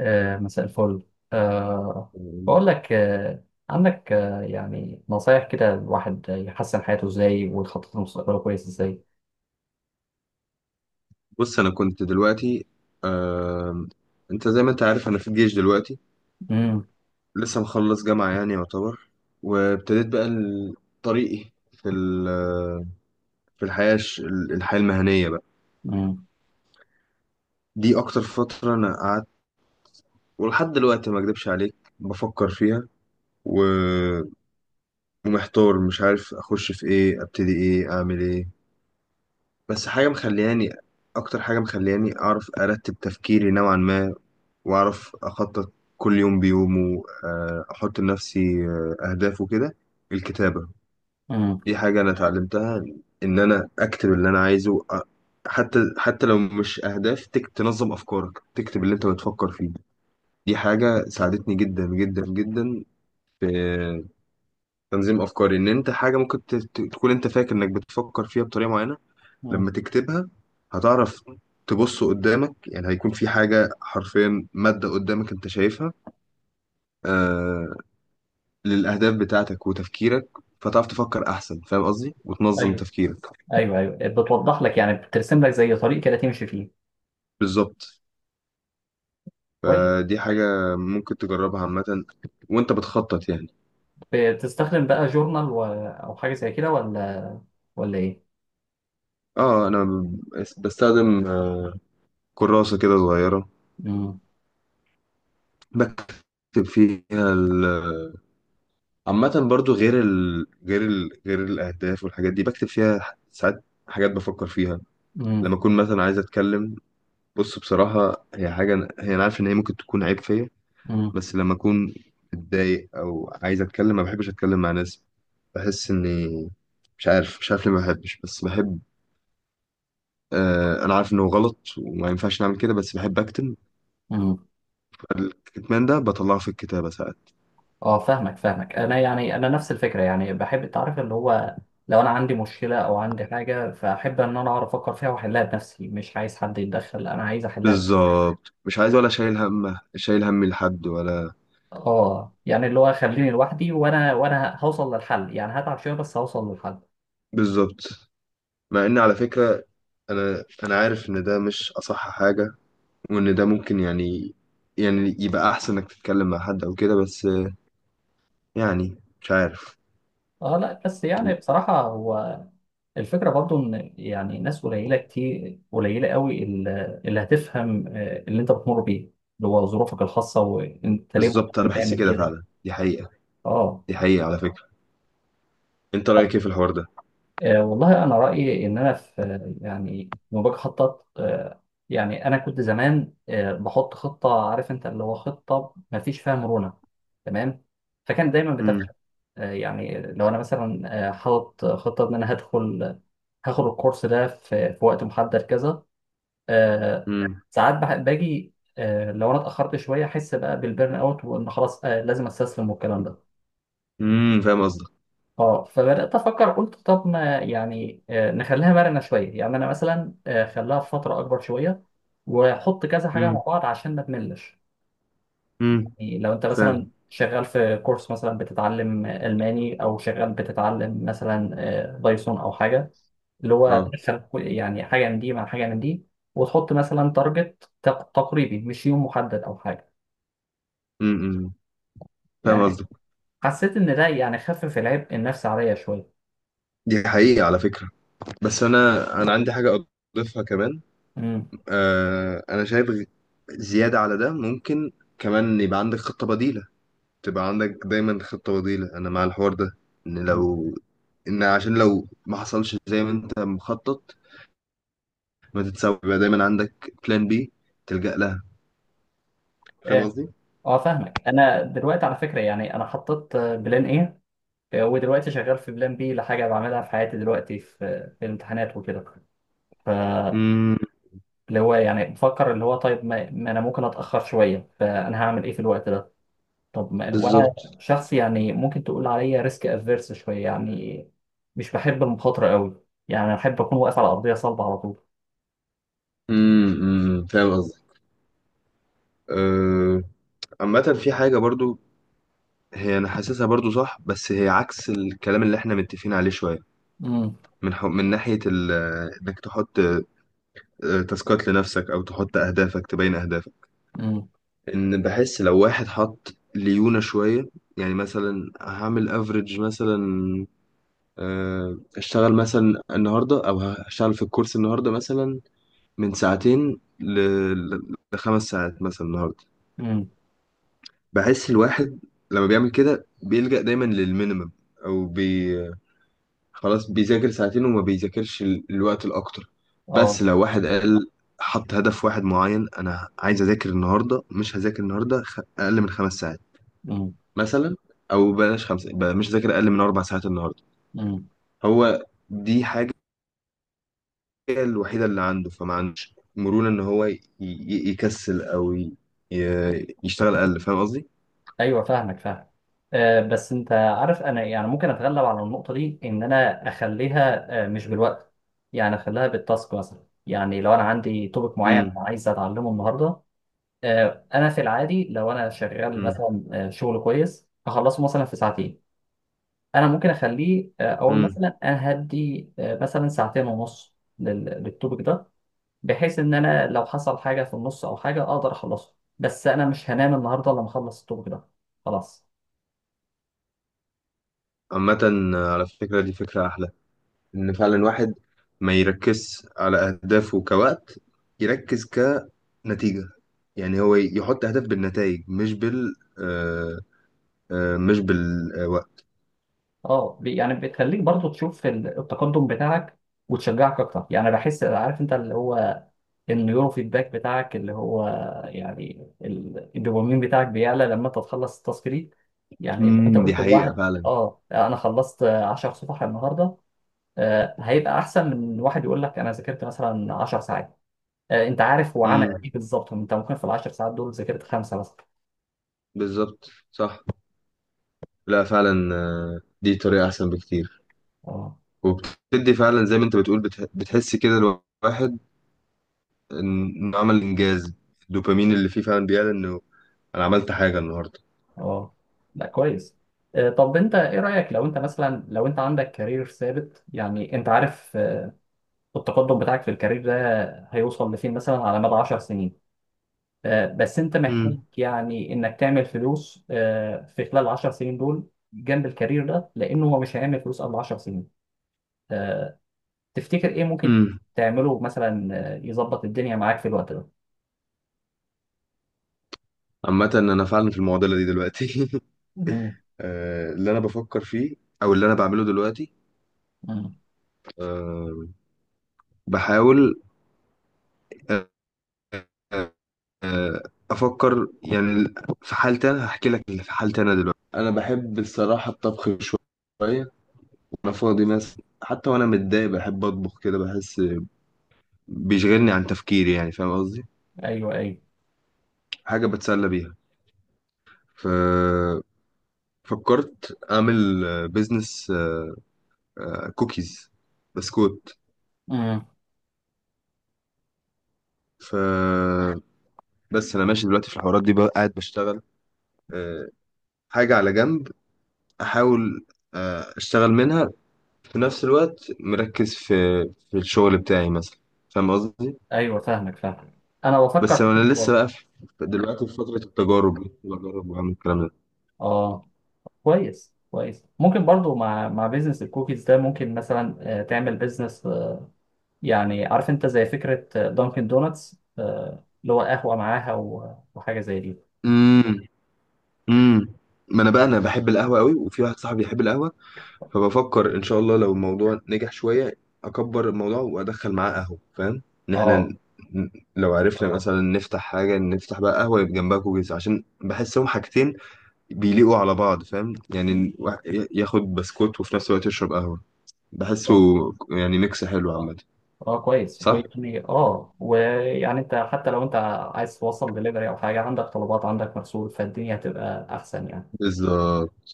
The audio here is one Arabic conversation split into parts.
مساء الفل. آه، بقول لك، عندك يعني نصايح كده الواحد يحسن حياته ازاي ويخطط لمستقبله كويس ازاي؟ بص انا كنت دلوقتي آه... انت زي ما انت عارف انا في الجيش دلوقتي. امم. لسه مخلص جامعة يعني يعتبر. وابتديت بقى طريقي في الحياة الحياة المهنية بقى. امم. دي اكتر فترة انا قعدت، ولحد دلوقتي ما اكدبش عليك بفكر فيها. و... ومحتار، مش عارف اخش في ايه، ابتدي ايه، اعمل ايه. بس حاجة مخلياني، اكتر حاجة مخلياني اعرف ارتب تفكيري نوعا ما واعرف اخطط كل يوم بيومه. احط لنفسي اهداف وكده. الكتابه امم. دي حاجه انا اتعلمتها، ان انا اكتب اللي انا عايزه حتى لو مش اهداف، تك تنظم افكارك، تكتب اللي انت بتفكر فيه. دي حاجه ساعدتني جدا جدا جدا في تنظيم افكاري. ان انت حاجه ممكن تكون انت فاكر انك بتفكر فيها بطريقه معينه، أمم. لما تكتبها هتعرف تبص قدامك. يعني هيكون في حاجه حرفيا ماده قدامك انت شايفها، آه، للأهداف بتاعتك وتفكيرك، فتعرف تفكر أحسن، فاهم قصدي، وتنظم ايوه، تفكيرك. ايوه، ايوه، بتوضح لك يعني بترسم لك زي طريق كده تمشي فيه. بالظبط، كويس. فدي حاجة ممكن تجربها عامة وأنت بتخطط يعني. بتستخدم بقى جورنال او حاجه زي كده، ولا ايه؟ اه، أنا بستخدم كراسة كده صغيرة، امم. بكتب فيها عامة برضو غير الأهداف والحاجات دي بكتب فيها ساعات حاجات بفكر فيها لما امم. أكون مثلا عايز أتكلم. بص، بصراحة هي حاجة، هي أنا عارف إن هي ممكن تكون عيب فيا. بس لما اكون متضايق او عايز اتكلم، ما بحبش اتكلم مع ناس، بحس اني مش عارف ليه ما بحبش بس بحب. انا عارف انه غلط وما ينفعش نعمل كده، بس بحب اكتم. امم. فالكتمان ده بطلعه في الكتابة ساعات. اه، فاهمك فاهمك، انا يعني انا نفس الفكره، يعني بحب التعرف اللي هو لو انا عندي مشكله او عندي حاجه، فاحب ان انا اعرف افكر فيها واحلها بنفسي، مش عايز حد يتدخل، انا عايز احلها. بالظبط، مش عايز ولا شايل همه، شايل همي لحد ولا. اه، يعني اللي هو خليني لوحدي، وانا هوصل للحل، يعني هتعب شويه بس هوصل للحل. بالظبط. مع ان على فكرة، انا عارف ان ده مش اصح حاجة، وان ده ممكن يعني، يعني يبقى احسن انك تتكلم مع حد او كده. بس يعني مش عارف. اه، لا بس يعني بصراحه، هو الفكره برضو ان يعني ناس قليله كتير قليله قوي اللي هتفهم اللي انت بتمر بيه، اللي هو ظروفك الخاصه وانت ليه بالظبط، انا بحس بتعمل كده كده. فعلا، دي حقيقة. اه. دي حقيقة على فكرة. انت رأيك ايه في الحوار ده؟ والله أنا رأيي إن أنا في، يعني لما باجي أخطط، يعني أنا كنت زمان بحط خطة، عارف أنت اللي هو خطة ما فيش فيها مرونة. تمام. فكان دايما امم. بتفشل. يعني لو أنا مثلا حاطط خطة إن أنا هدخل هاخد الكورس ده في وقت محدد كذا. آه، امم. ساعات باجي، لو أنا اتأخرت شوية أحس بقى بالبرن أوت، وإن خلاص لازم أستسلم والكلام ده. امم. فاهم قصدك. اه، فبدات افكر قلت طب ما يعني نخليها مرنه شويه، يعني انا مثلا خليها في فتره اكبر شويه، واحط كذا حاجه امم. مع بعض عشان ما تملش. امم. يعني لو انت مثلا فاهم. شغال في كورس مثلا بتتعلم الماني، او شغال بتتعلم مثلا بايثون او حاجه، اللي هو اه. تدخل يعني حاجه من دي مع حاجه من دي، وتحط مثلا تارجت تقريبي، مش يوم محدد او حاجه. امم. أمم. فاهم يعني قصدك. حسيت ان ده يعني خفف العبء النفسي عليا شويه. دي حقيقة على فكرة. بس انا، انا عندي حاجة اضيفها كمان. امم. آه انا شايف غ- زيادة على ده ممكن كمان يبقى عندك خطة بديلة. تبقى عندك دايما خطة بديلة، انا مع الحوار ده. ان لو، ان عشان لو ما حصلش زي ما انت مخطط ما تتسوي، يبقى دايما عندك بلان بي تلجأ لها. فاهم قصدي؟ اه، فاهمك. انا دلوقتي على فكره يعني انا حطيت بلان ايه، ودلوقتي شغال في بلان بي لحاجه بعملها في حياتي دلوقتي، في في الامتحانات وكده. فاللي امم. هو يعني بفكر اللي هو طيب ما انا ممكن اتاخر شويه، فانا هعمل ايه في الوقت ده. طب ما وانا بالظبط. شخص يعني ممكن تقول عليا ريسك افيرس شويه يعني، مش بحب المخاطره قوي، يعني انا بحب اكون واقف على ارضيه صلبه على طول. امم. أمم، فاهم قصدي. أه، عامة في حاجة برضو، هي أنا حاسسها برضو صح، بس هي عكس الكلام اللي احنا متفقين عليه شوية، امم. من ناحية إنك تحط تاسكات لنفسك أو تحط أهدافك، تبين أهدافك. امم. إن بحس لو واحد حط ليونة شوية، يعني مثلا هعمل افريج مثلا، اشتغل مثلا النهاردة أو هشتغل في الكورس النهاردة مثلا من ساعتين لخمس ساعات مثلا النهارده. امم. بحس الواحد لما بيعمل كده بيلجأ دايما للمينيمم، او بي... خلاص بيذاكر ساعتين وما بيذاكرش الوقت الاكتر. بس اه. لو واحد قال حط هدف واحد معين، انا عايز اذاكر النهارده، مش هذاكر النهارده اقل من خمس ساعات مثلا، او بلاش خمسه بقى، مش هذاكر اقل من اربع ساعات النهارده. امم. هو دي حاجه، هي الوحيدة اللي عنده، فما عندوش مرونة إن هو يكسل أو يشتغل أقل. فاهم قصدي؟ ايوه، فاهمك فاهم، بس انت عارف انا يعني ممكن اتغلب على النقطه دي، ان انا اخليها مش بالوقت، يعني اخليها بالتاسك مثلا، يعني لو انا عندي توبك معين انا امم. عايز اتعلمه النهارده. انا في العادي لو انا شغال امم. مثلا شغل كويس، هخلصه مثلا في ساعتين. انا ممكن اخليه، اقول امم. مثلا انا هدي مثلا ساعتين ونص للتوبك ده، بحيث ان انا لو حصل حاجه في النص او حاجه اقدر اخلصه. بس انا مش هنام النهارده الا لما اخلص التوبك ده. خلاص. عامة على فكرة دي فكرة أحلى، إن فعلا الواحد ما يركز على أهدافه كوقت، يركز كنتيجة. يعني هو يحط أهداف بالنتائج، مش بال آه، آه، مش بالوقت. اه، يعني بتخليك برضو تشوف التقدم بتاعك وتشجعك اكتر، يعني بحس عارف انت اللي هو النيورو فيدباك بتاعك اللي هو يعني الدوبامين بتاعك بيعلى لما انت تخلص التاسك دي. يعني لو انت امم، دي قلت حقيقة لواحد فعلا. اه انا خلصت 10 صفح النهارده، هيبقى احسن من واحد يقول لك انا ذاكرت مثلا 10 ساعات. انت عارف هو عمل امم. ايه بالظبط، انت ممكن في ال 10 ساعات دول ذاكرت خمسه مثلا. بالظبط، صح. لا فعلا، دي طريقة أحسن بكتير. اه. وبتدي فعلا زي ما انت بتقول، بتحس كده الواحد انه عمل انجاز، الدوبامين اللي فيه فعلا بيعلن انه انا عملت حاجه النهارده. اه، لا كويس. طب انت ايه رأيك، لو انت مثلا لو انت عندك كارير ثابت، يعني انت عارف التقدم بتاعك في الكارير ده هيوصل لفين مثلا على مدى 10 سنين. بس انت محتاج امم. يعني انك تعمل فلوس في خلال 10 سنين دول جنب الكارير ده، لانه هو مش هيعمل فلوس قبل 10 سنين. آه، تفتكر ايه ممكن امم. تعمله مثلا، يظبط الدنيا معاك في الوقت ده؟ عامه انا فعلا في المعضله دي دلوقتي مم. اللي انا بفكر فيه او اللي انا بعمله دلوقتي، مم. آه، بحاول آه، آه، افكر يعني. في حالتي انا هحكي لك اللي في حالتي انا دلوقتي، انا بحب الصراحه الطبخ شويه، وانا فاضي مثلا حتى وانا متضايق بحب اطبخ كده. بحس بيشغلني عن تفكيري، يعني فاهم قصدي، ايوه، ايوه. حاجة بتسلى بيها. ف فكرت أعمل بيزنس كوكيز، بسكوت. مم. ف بس أنا ماشي دلوقتي في الحوارات دي بقى، قاعد بشتغل آه، حاجة على جنب، أحاول أشتغل منها، في نفس الوقت مركز في في الشغل بتاعي مثلا. فاهم قصدي. ايوه، فاهمك فاهمك، انا بس بفكر في أنا كده لسه برضه. بقى في، دلوقتي في فترة التجارب دي بجرب وأعمل الكلام ده. اه، كويس كويس، ممكن برضو مع بيزنس الكوكيز ده ممكن مثلا تعمل بيزنس، يعني عارف انت زي فكرة دانكن دونتس، اللي هو قهوة معاها وحاجة زي دي. امم. امم. ما انا بقى انا بحب القهوه قوي، وفي واحد صاحبي بيحب القهوه، فبفكر ان شاء الله لو الموضوع نجح شويه اكبر الموضوع وادخل معاه قهوه. فاهم، ان احنا اه. لو عرفنا اه مثلا نفتح حاجه، نفتح بقى قهوه يبقى جنبها كوكيز، عشان بحسهم حاجتين بيليقوا على بعض. فاهم، يعني الواحد ياخد بسكوت وفي نفس الوقت يشرب قهوه، بحسه اه. يعني ميكس حلو اه عامه. اه، كويس. صح، ويعني اه ويعني انت حتى لو انت عايز توصل دليفري او حاجة، عندك طلبات عندك مرسول، فالدنيا هتبقى احسن يعني. بالظبط.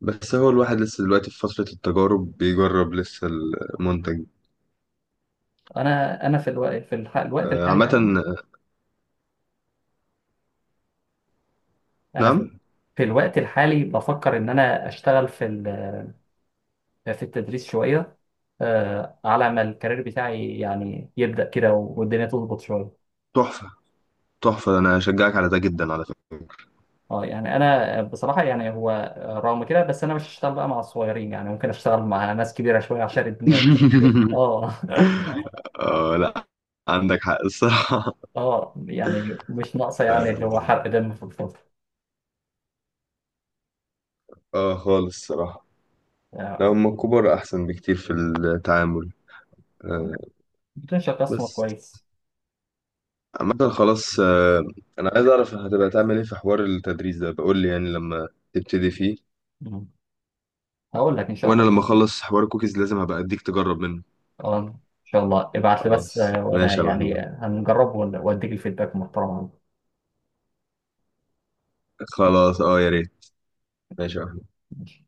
بس هو الواحد لسه دلوقتي في فتره التجارب، بيجرب لسه المنتج. انا في الوقت في الح- الوقت الحالي عامه. ده- انا في نعم. في الوقت الحالي بفكر ان انا اشتغل في التدريس شوية، على ما الكارير بتاعي يعني يبدأ كده والدنيا تظبط شوية. تحفه، تحفه، انا اشجعك على ده جدا على فكره. اه، يعني انا بصراحة يعني هو رغم كده، بس انا مش هشتغل بقى مع الصغيرين، يعني ممكن اشتغل مع ناس كبيرة شوية عشان الدنيا تبقى إيه؟ اه. اه لا، عندك حق الصراحة. اه، يعني مش ناقصة يعني اه، اللي هو حرق دم في الفضل. خالص الصراحة. لا، آه، هم الكبار أحسن بكتير في التعامل. آه. بتنشأ قسم بس كويس. عامة خلاص، آه أنا عايز أعرف هتبقى تعمل إيه في حوار التدريس ده، بقول لي يعني لما تبتدي فيه. مم. هقول لك ان شاء وأنا الله. لما أخلص حوار الكوكيز لازم هبقى أديك تجرب منه. اه، ان شاء الله ابعت لي بس، خلاص، وانا ماشي يا يعني محمود. هنجرب واديك الفيدباك المحترم عنه. خلاص اه، يا ريت. ماشي يا محمود. ماشي.